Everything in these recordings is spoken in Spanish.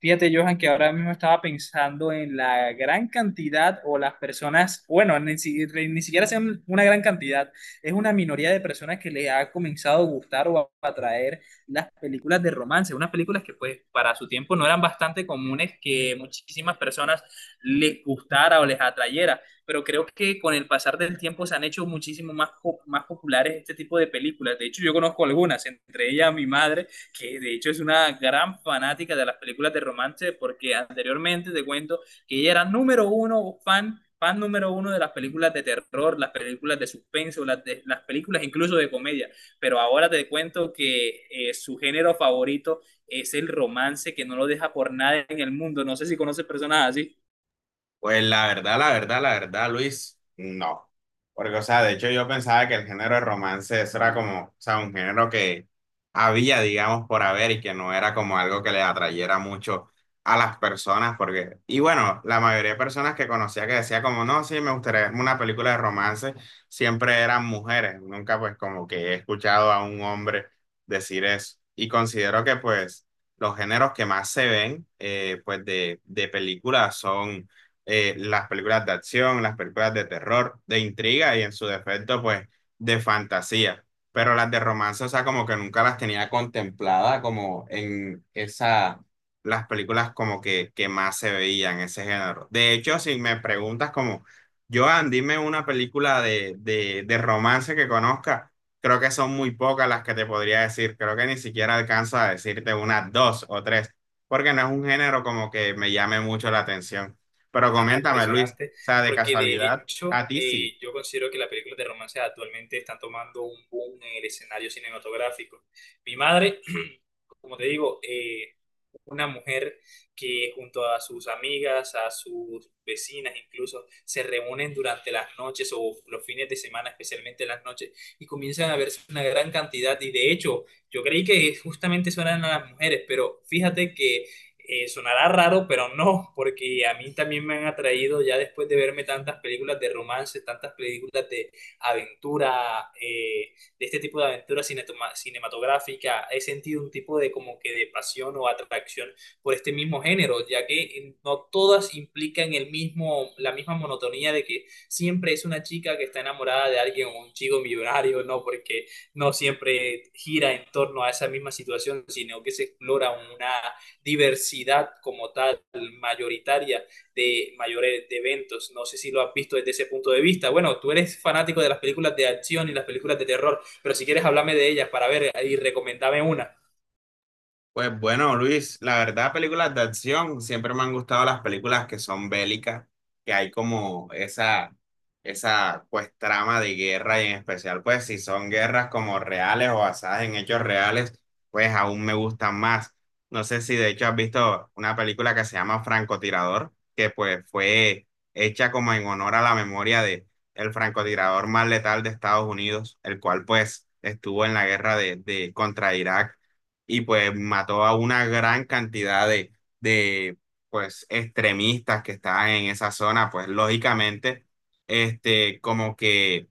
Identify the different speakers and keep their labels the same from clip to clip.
Speaker 1: Fíjate, Johan, que ahora mismo estaba pensando en la gran cantidad o las personas, bueno, ni siquiera sean una gran cantidad, es una minoría de personas que le ha comenzado a gustar o a atraer las películas de romance, unas películas que pues para su tiempo no eran bastante comunes que muchísimas personas les gustara o les atrayera, pero creo que con el pasar del tiempo se han hecho muchísimo más populares este tipo de películas. De hecho, yo conozco algunas, entre ellas mi madre, que de hecho es una gran fanática de las películas de romance, porque anteriormente te cuento que ella era fan número uno de las películas de terror, las películas de suspenso, las películas incluso de comedia, pero ahora te cuento que su género favorito es el romance, que no lo deja por nada en el mundo. No sé si conoces personas así.
Speaker 2: Pues la verdad, la verdad, la verdad, Luis, no. Porque, o sea, de hecho yo pensaba que el género de romance eso era como, o sea, un género que había, digamos, por haber y que no era como algo que le atrayera mucho a las personas, porque, y bueno, la mayoría de personas que conocía que decía como, no, sí, me gustaría verme una película de romance, siempre eran mujeres. Nunca pues como que he escuchado a un hombre decir eso. Y considero que pues los géneros que más se ven, pues de películas son las películas de acción, las películas de terror, de intriga y en su defecto, pues, de fantasía. Pero las de romance, o sea, como que nunca las tenía contemplada como en esa, las películas como que más se veían, ese género. De hecho, si me preguntas como, Joan, dime una película de romance que conozca. Creo que son muy pocas las que te podría decir. Creo que ni siquiera alcanzo a decirte unas dos o tres, porque no es un género como que me llame mucho la atención. Pero
Speaker 1: Bastante
Speaker 2: coméntame, Luis, o
Speaker 1: impresionante,
Speaker 2: sea, de
Speaker 1: porque de
Speaker 2: casualidad, a
Speaker 1: hecho
Speaker 2: ti sí.
Speaker 1: yo considero que las películas de romance actualmente están tomando un boom en el escenario cinematográfico. Mi madre, como te digo, una mujer que junto a sus amigas, a sus vecinas incluso, se reúnen durante las noches o los fines de semana, especialmente las noches, y comienzan a verse una gran cantidad. Y de hecho, yo creí que justamente eso eran las mujeres, pero fíjate que sonará raro, pero no, porque a mí también me han atraído ya después de verme tantas películas de romance, tantas películas de aventura, de este tipo de aventura cinematográfica. He sentido un tipo de como que de pasión o atracción por este mismo género, ya que no todas implican el mismo, la misma monotonía de que siempre es una chica que está enamorada de alguien o un chico millonario. No, porque no siempre gira en torno a esa misma situación, sino que se explora una diversidad como tal, mayoritaria, de mayores de eventos. No sé si lo has visto desde ese punto de vista. Bueno, tú eres fanático de las películas de acción y las películas de terror, pero si quieres, háblame de ellas para ver y recomendame una.
Speaker 2: Pues bueno, Luis, la verdad, películas de acción, siempre me han gustado las películas que son bélicas, que hay como esa pues trama de guerra y en especial pues si son guerras como reales o basadas en hechos reales, pues aún me gustan más. No sé si de hecho has visto una película que se llama Francotirador, que pues fue hecha como en honor a la memoria de el francotirador más letal de Estados Unidos, el cual pues estuvo en la guerra de contra Irak y pues mató a una gran cantidad de pues extremistas que estaban en esa zona, pues lógicamente, este, como que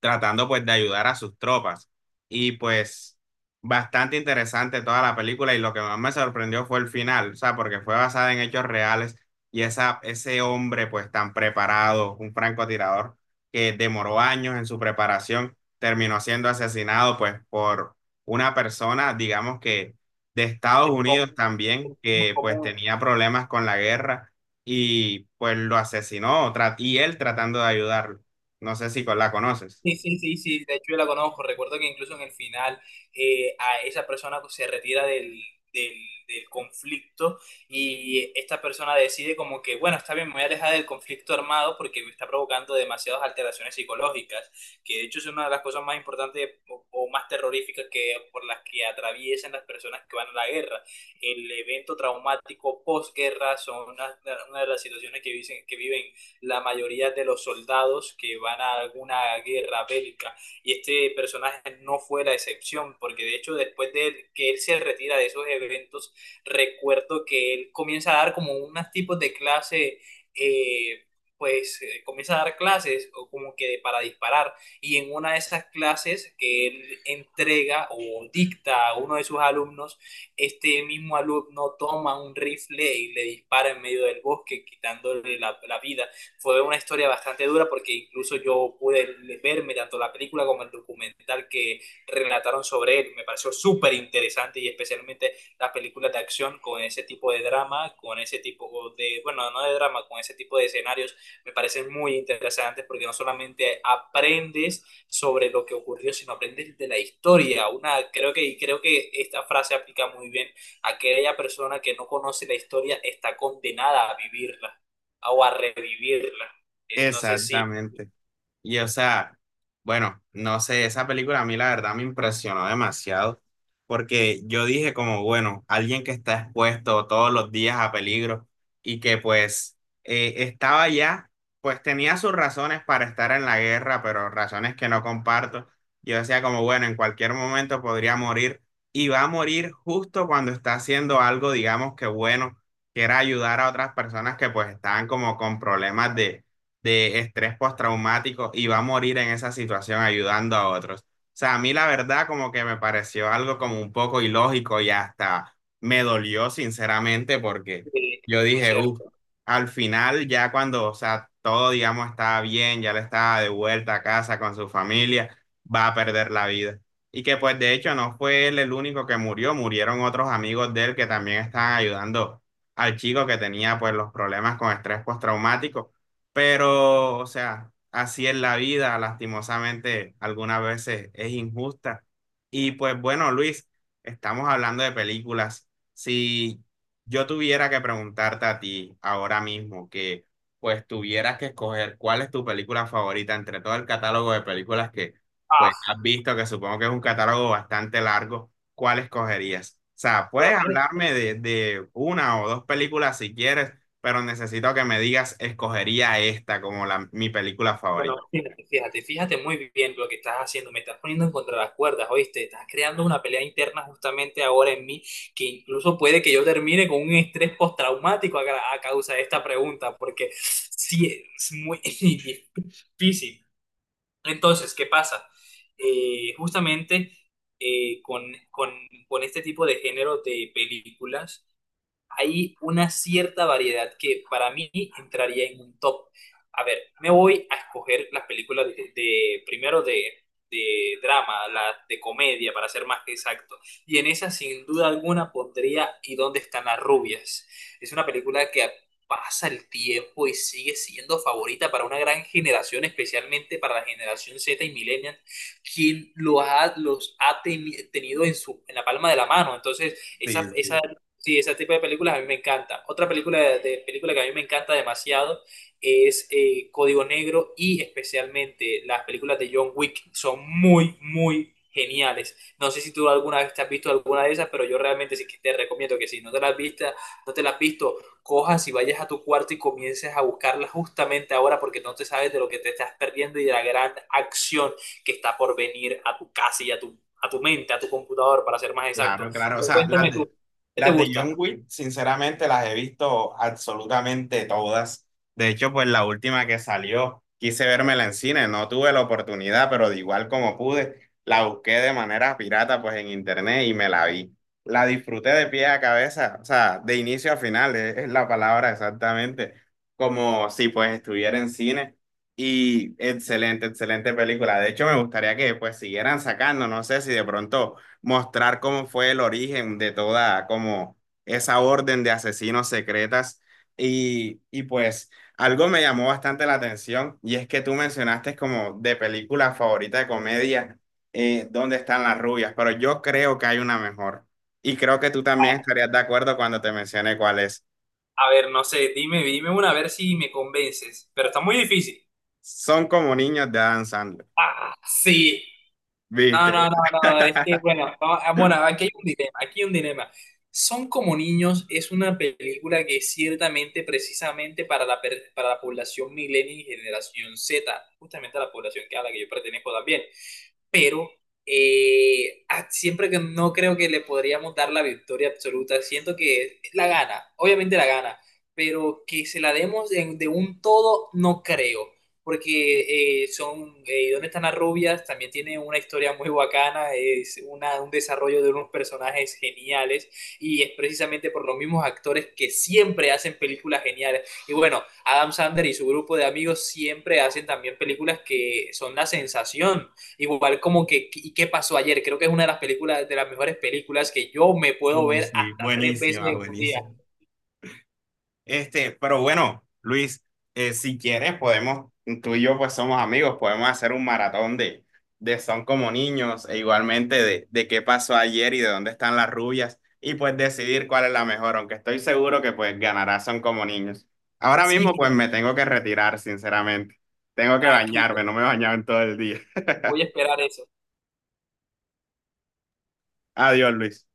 Speaker 2: tratando pues de ayudar a sus tropas. Y pues bastante interesante toda la película y lo que más me sorprendió fue el final, o sea, porque fue basada en hechos reales y esa, ese hombre pues tan preparado, un francotirador que demoró años en su preparación, terminó siendo asesinado pues por una persona, digamos que de Estados
Speaker 1: El com-
Speaker 2: Unidos
Speaker 1: el
Speaker 2: también, que pues
Speaker 1: común.
Speaker 2: tenía problemas con la guerra y pues lo asesinó y él tratando de ayudarlo. No sé si la conoces.
Speaker 1: Sí, sí, sí, sí, de hecho yo la conozco. Recuerdo que incluso en el final, a esa persona pues, se retira del, del conflicto, y esta persona decide como que, bueno, está bien, me voy a alejar del conflicto armado porque me está provocando demasiadas alteraciones psicológicas, que de hecho es una de las cosas más importantes o más terroríficas por las que atraviesan las personas que van a la guerra. El evento traumático posguerra son una de las situaciones que viven la mayoría de los soldados que van a alguna guerra bélica. Y este personaje no fue la excepción, porque de hecho después de él, que él se retira de esos eventos, recuerdo que él comienza a dar como unos tipos de clase. Eh, pues comienza a dar clases o como que para disparar, y en una de esas clases que él entrega o dicta a uno de sus alumnos, este mismo alumno toma un rifle y le dispara en medio del bosque, quitándole la vida. Fue una historia bastante dura, porque incluso yo pude verme tanto la película como el documental que relataron sobre él. Me pareció súper interesante, y especialmente las películas de acción con ese tipo de drama, con ese tipo de, bueno, no de drama, con ese tipo de escenarios, me parecen muy interesantes porque no solamente aprendes sobre lo que ocurrió, sino aprendes de la historia. Creo que esta frase aplica muy bien: a aquella persona que no conoce la historia, está condenada a vivirla o a revivirla. No sé si
Speaker 2: Exactamente. Y o sea, bueno, no sé, esa película a mí la verdad me impresionó demasiado, porque yo dije como, bueno, alguien que está expuesto todos los días a peligro y que pues estaba ya, pues tenía sus razones para estar en la guerra, pero razones que no comparto. Yo decía como, bueno, en cualquier momento podría morir y va a morir justo cuando está haciendo algo, digamos que bueno, que era ayudar a otras personas que pues estaban como con problemas de estrés postraumático y va a morir en esa situación ayudando a otros. O sea, a mí la verdad como que me pareció algo como un poco ilógico y hasta me dolió sinceramente porque yo
Speaker 1: es muy
Speaker 2: dije, uff,
Speaker 1: cierto.
Speaker 2: al final ya cuando, o sea, todo, digamos, estaba bien, ya le estaba de vuelta a casa con su familia, va a perder la vida. Y que pues de hecho no fue él el único que murió, murieron otros amigos de él que también estaban ayudando al chico que tenía pues los problemas con estrés postraumático pero, o sea, así es la vida, lastimosamente, algunas veces es injusta. Y pues bueno, Luis, estamos hablando de películas. Si yo tuviera que preguntarte a ti ahora mismo que pues tuvieras que escoger cuál es tu película favorita entre todo el catálogo de películas que pues
Speaker 1: Ah,
Speaker 2: has visto, que supongo que es un catálogo bastante largo, ¿cuál escogerías? O sea,
Speaker 1: bueno,
Speaker 2: puedes hablarme de una o dos películas si quieres pero necesito que me digas, escogería esta como la, mi película favorita.
Speaker 1: fíjate, fíjate, fíjate muy bien lo que estás haciendo. Me estás poniendo en contra las cuerdas, ¿oíste? Estás creando una pelea interna justamente ahora en mí, que incluso puede que yo termine con un estrés postraumático a causa de esta pregunta, porque sí, es muy difícil. Entonces, ¿qué pasa? Justamente eh, con, con, con este tipo de género de películas hay una cierta variedad que para mí entraría en un top. A ver, me voy a escoger las películas primero de drama, las de comedia, para ser más exacto. Y en esa, sin duda alguna, pondría ¿Y dónde están las rubias? Es una película que pasa el tiempo y sigue siendo favorita para una gran generación, especialmente para la generación Z y millennials, los ha tenido en su, en la palma de la mano. Entonces,
Speaker 2: Sí,
Speaker 1: esa,
Speaker 2: sí.
Speaker 1: esa Sí, ese tipo de películas a mí me encanta. Otra película que a mí me encanta demasiado es Código Negro, y especialmente las películas de John Wick. Son muy, muy geniales. No sé si tú alguna vez te has visto alguna de esas, pero yo realmente sí que te recomiendo que si no te las has visto, no te las has visto, cojas y vayas a tu cuarto y comiences a buscarlas justamente ahora, porque no te sabes de lo que te estás perdiendo y de la gran acción que está por venir a tu casa y a tu mente, a tu computador, para ser más exacto.
Speaker 2: Claro, claro. O
Speaker 1: Pero
Speaker 2: sea,
Speaker 1: cuéntame tú, ¿qué te
Speaker 2: las de
Speaker 1: gusta?
Speaker 2: John Wick, sinceramente, las he visto absolutamente todas. De hecho, pues la última que salió, quise vérmela en cine, no tuve la oportunidad, pero de igual como pude, la busqué de manera pirata, pues en internet y me la vi. La disfruté de pie a cabeza, o sea, de inicio a final, es la palabra exactamente, como si pues estuviera en cine. Y excelente, excelente película. De hecho, me gustaría que pues siguieran sacando, no sé si de pronto mostrar cómo fue el origen de toda como esa orden de asesinos secretas. Y pues algo me llamó bastante la atención y es que tú mencionaste como de película favorita de comedia, ¿dónde están las rubias? Pero yo creo que hay una mejor y creo que tú también
Speaker 1: Vale.
Speaker 2: estarías de acuerdo cuando te mencioné cuál es.
Speaker 1: A ver, no sé, dime una, a ver si me convences, pero está muy difícil.
Speaker 2: Son como niños de Adam Sandler,
Speaker 1: Ah, sí. No,
Speaker 2: ¿viste?
Speaker 1: no, no, no, es que bueno, no, ah, bueno, aquí hay un dilema, aquí hay un dilema. Son como niños es una película que es ciertamente precisamente para la población millennial y generación Z, justamente la población que a la que yo pertenezco también. Pero ah, siempre que no, creo que le podríamos dar la victoria absoluta. Siento que la gana, obviamente la gana, pero que se la demos de un todo, no creo, porque son, ¿Dónde están las rubias? También tiene una historia muy bacana, es un desarrollo de unos personajes geniales, y es precisamente por los mismos actores que siempre hacen películas geniales. Y bueno, Adam Sandler y su grupo de amigos siempre hacen también películas que son la sensación. Igual como que, ¿y qué pasó ayer? Creo que es una de las películas, de las mejores películas, que yo me puedo ver
Speaker 2: Sí,
Speaker 1: hasta tres veces
Speaker 2: buenísima,
Speaker 1: en un día.
Speaker 2: buenísima. Este, pero bueno, Luis, si quieres podemos, tú y yo pues somos amigos, podemos hacer un maratón de Son como niños e igualmente de qué pasó ayer y de dónde están las rubias y pues decidir cuál es la mejor, aunque estoy seguro que pues ganará Son como niños. Ahora
Speaker 1: Sí,
Speaker 2: mismo pues
Speaker 1: pero
Speaker 2: me tengo que retirar, sinceramente. Tengo que bañarme,
Speaker 1: tranquilo,
Speaker 2: no me he bañado en todo el día.
Speaker 1: voy a esperar eso.
Speaker 2: Adiós, Luis.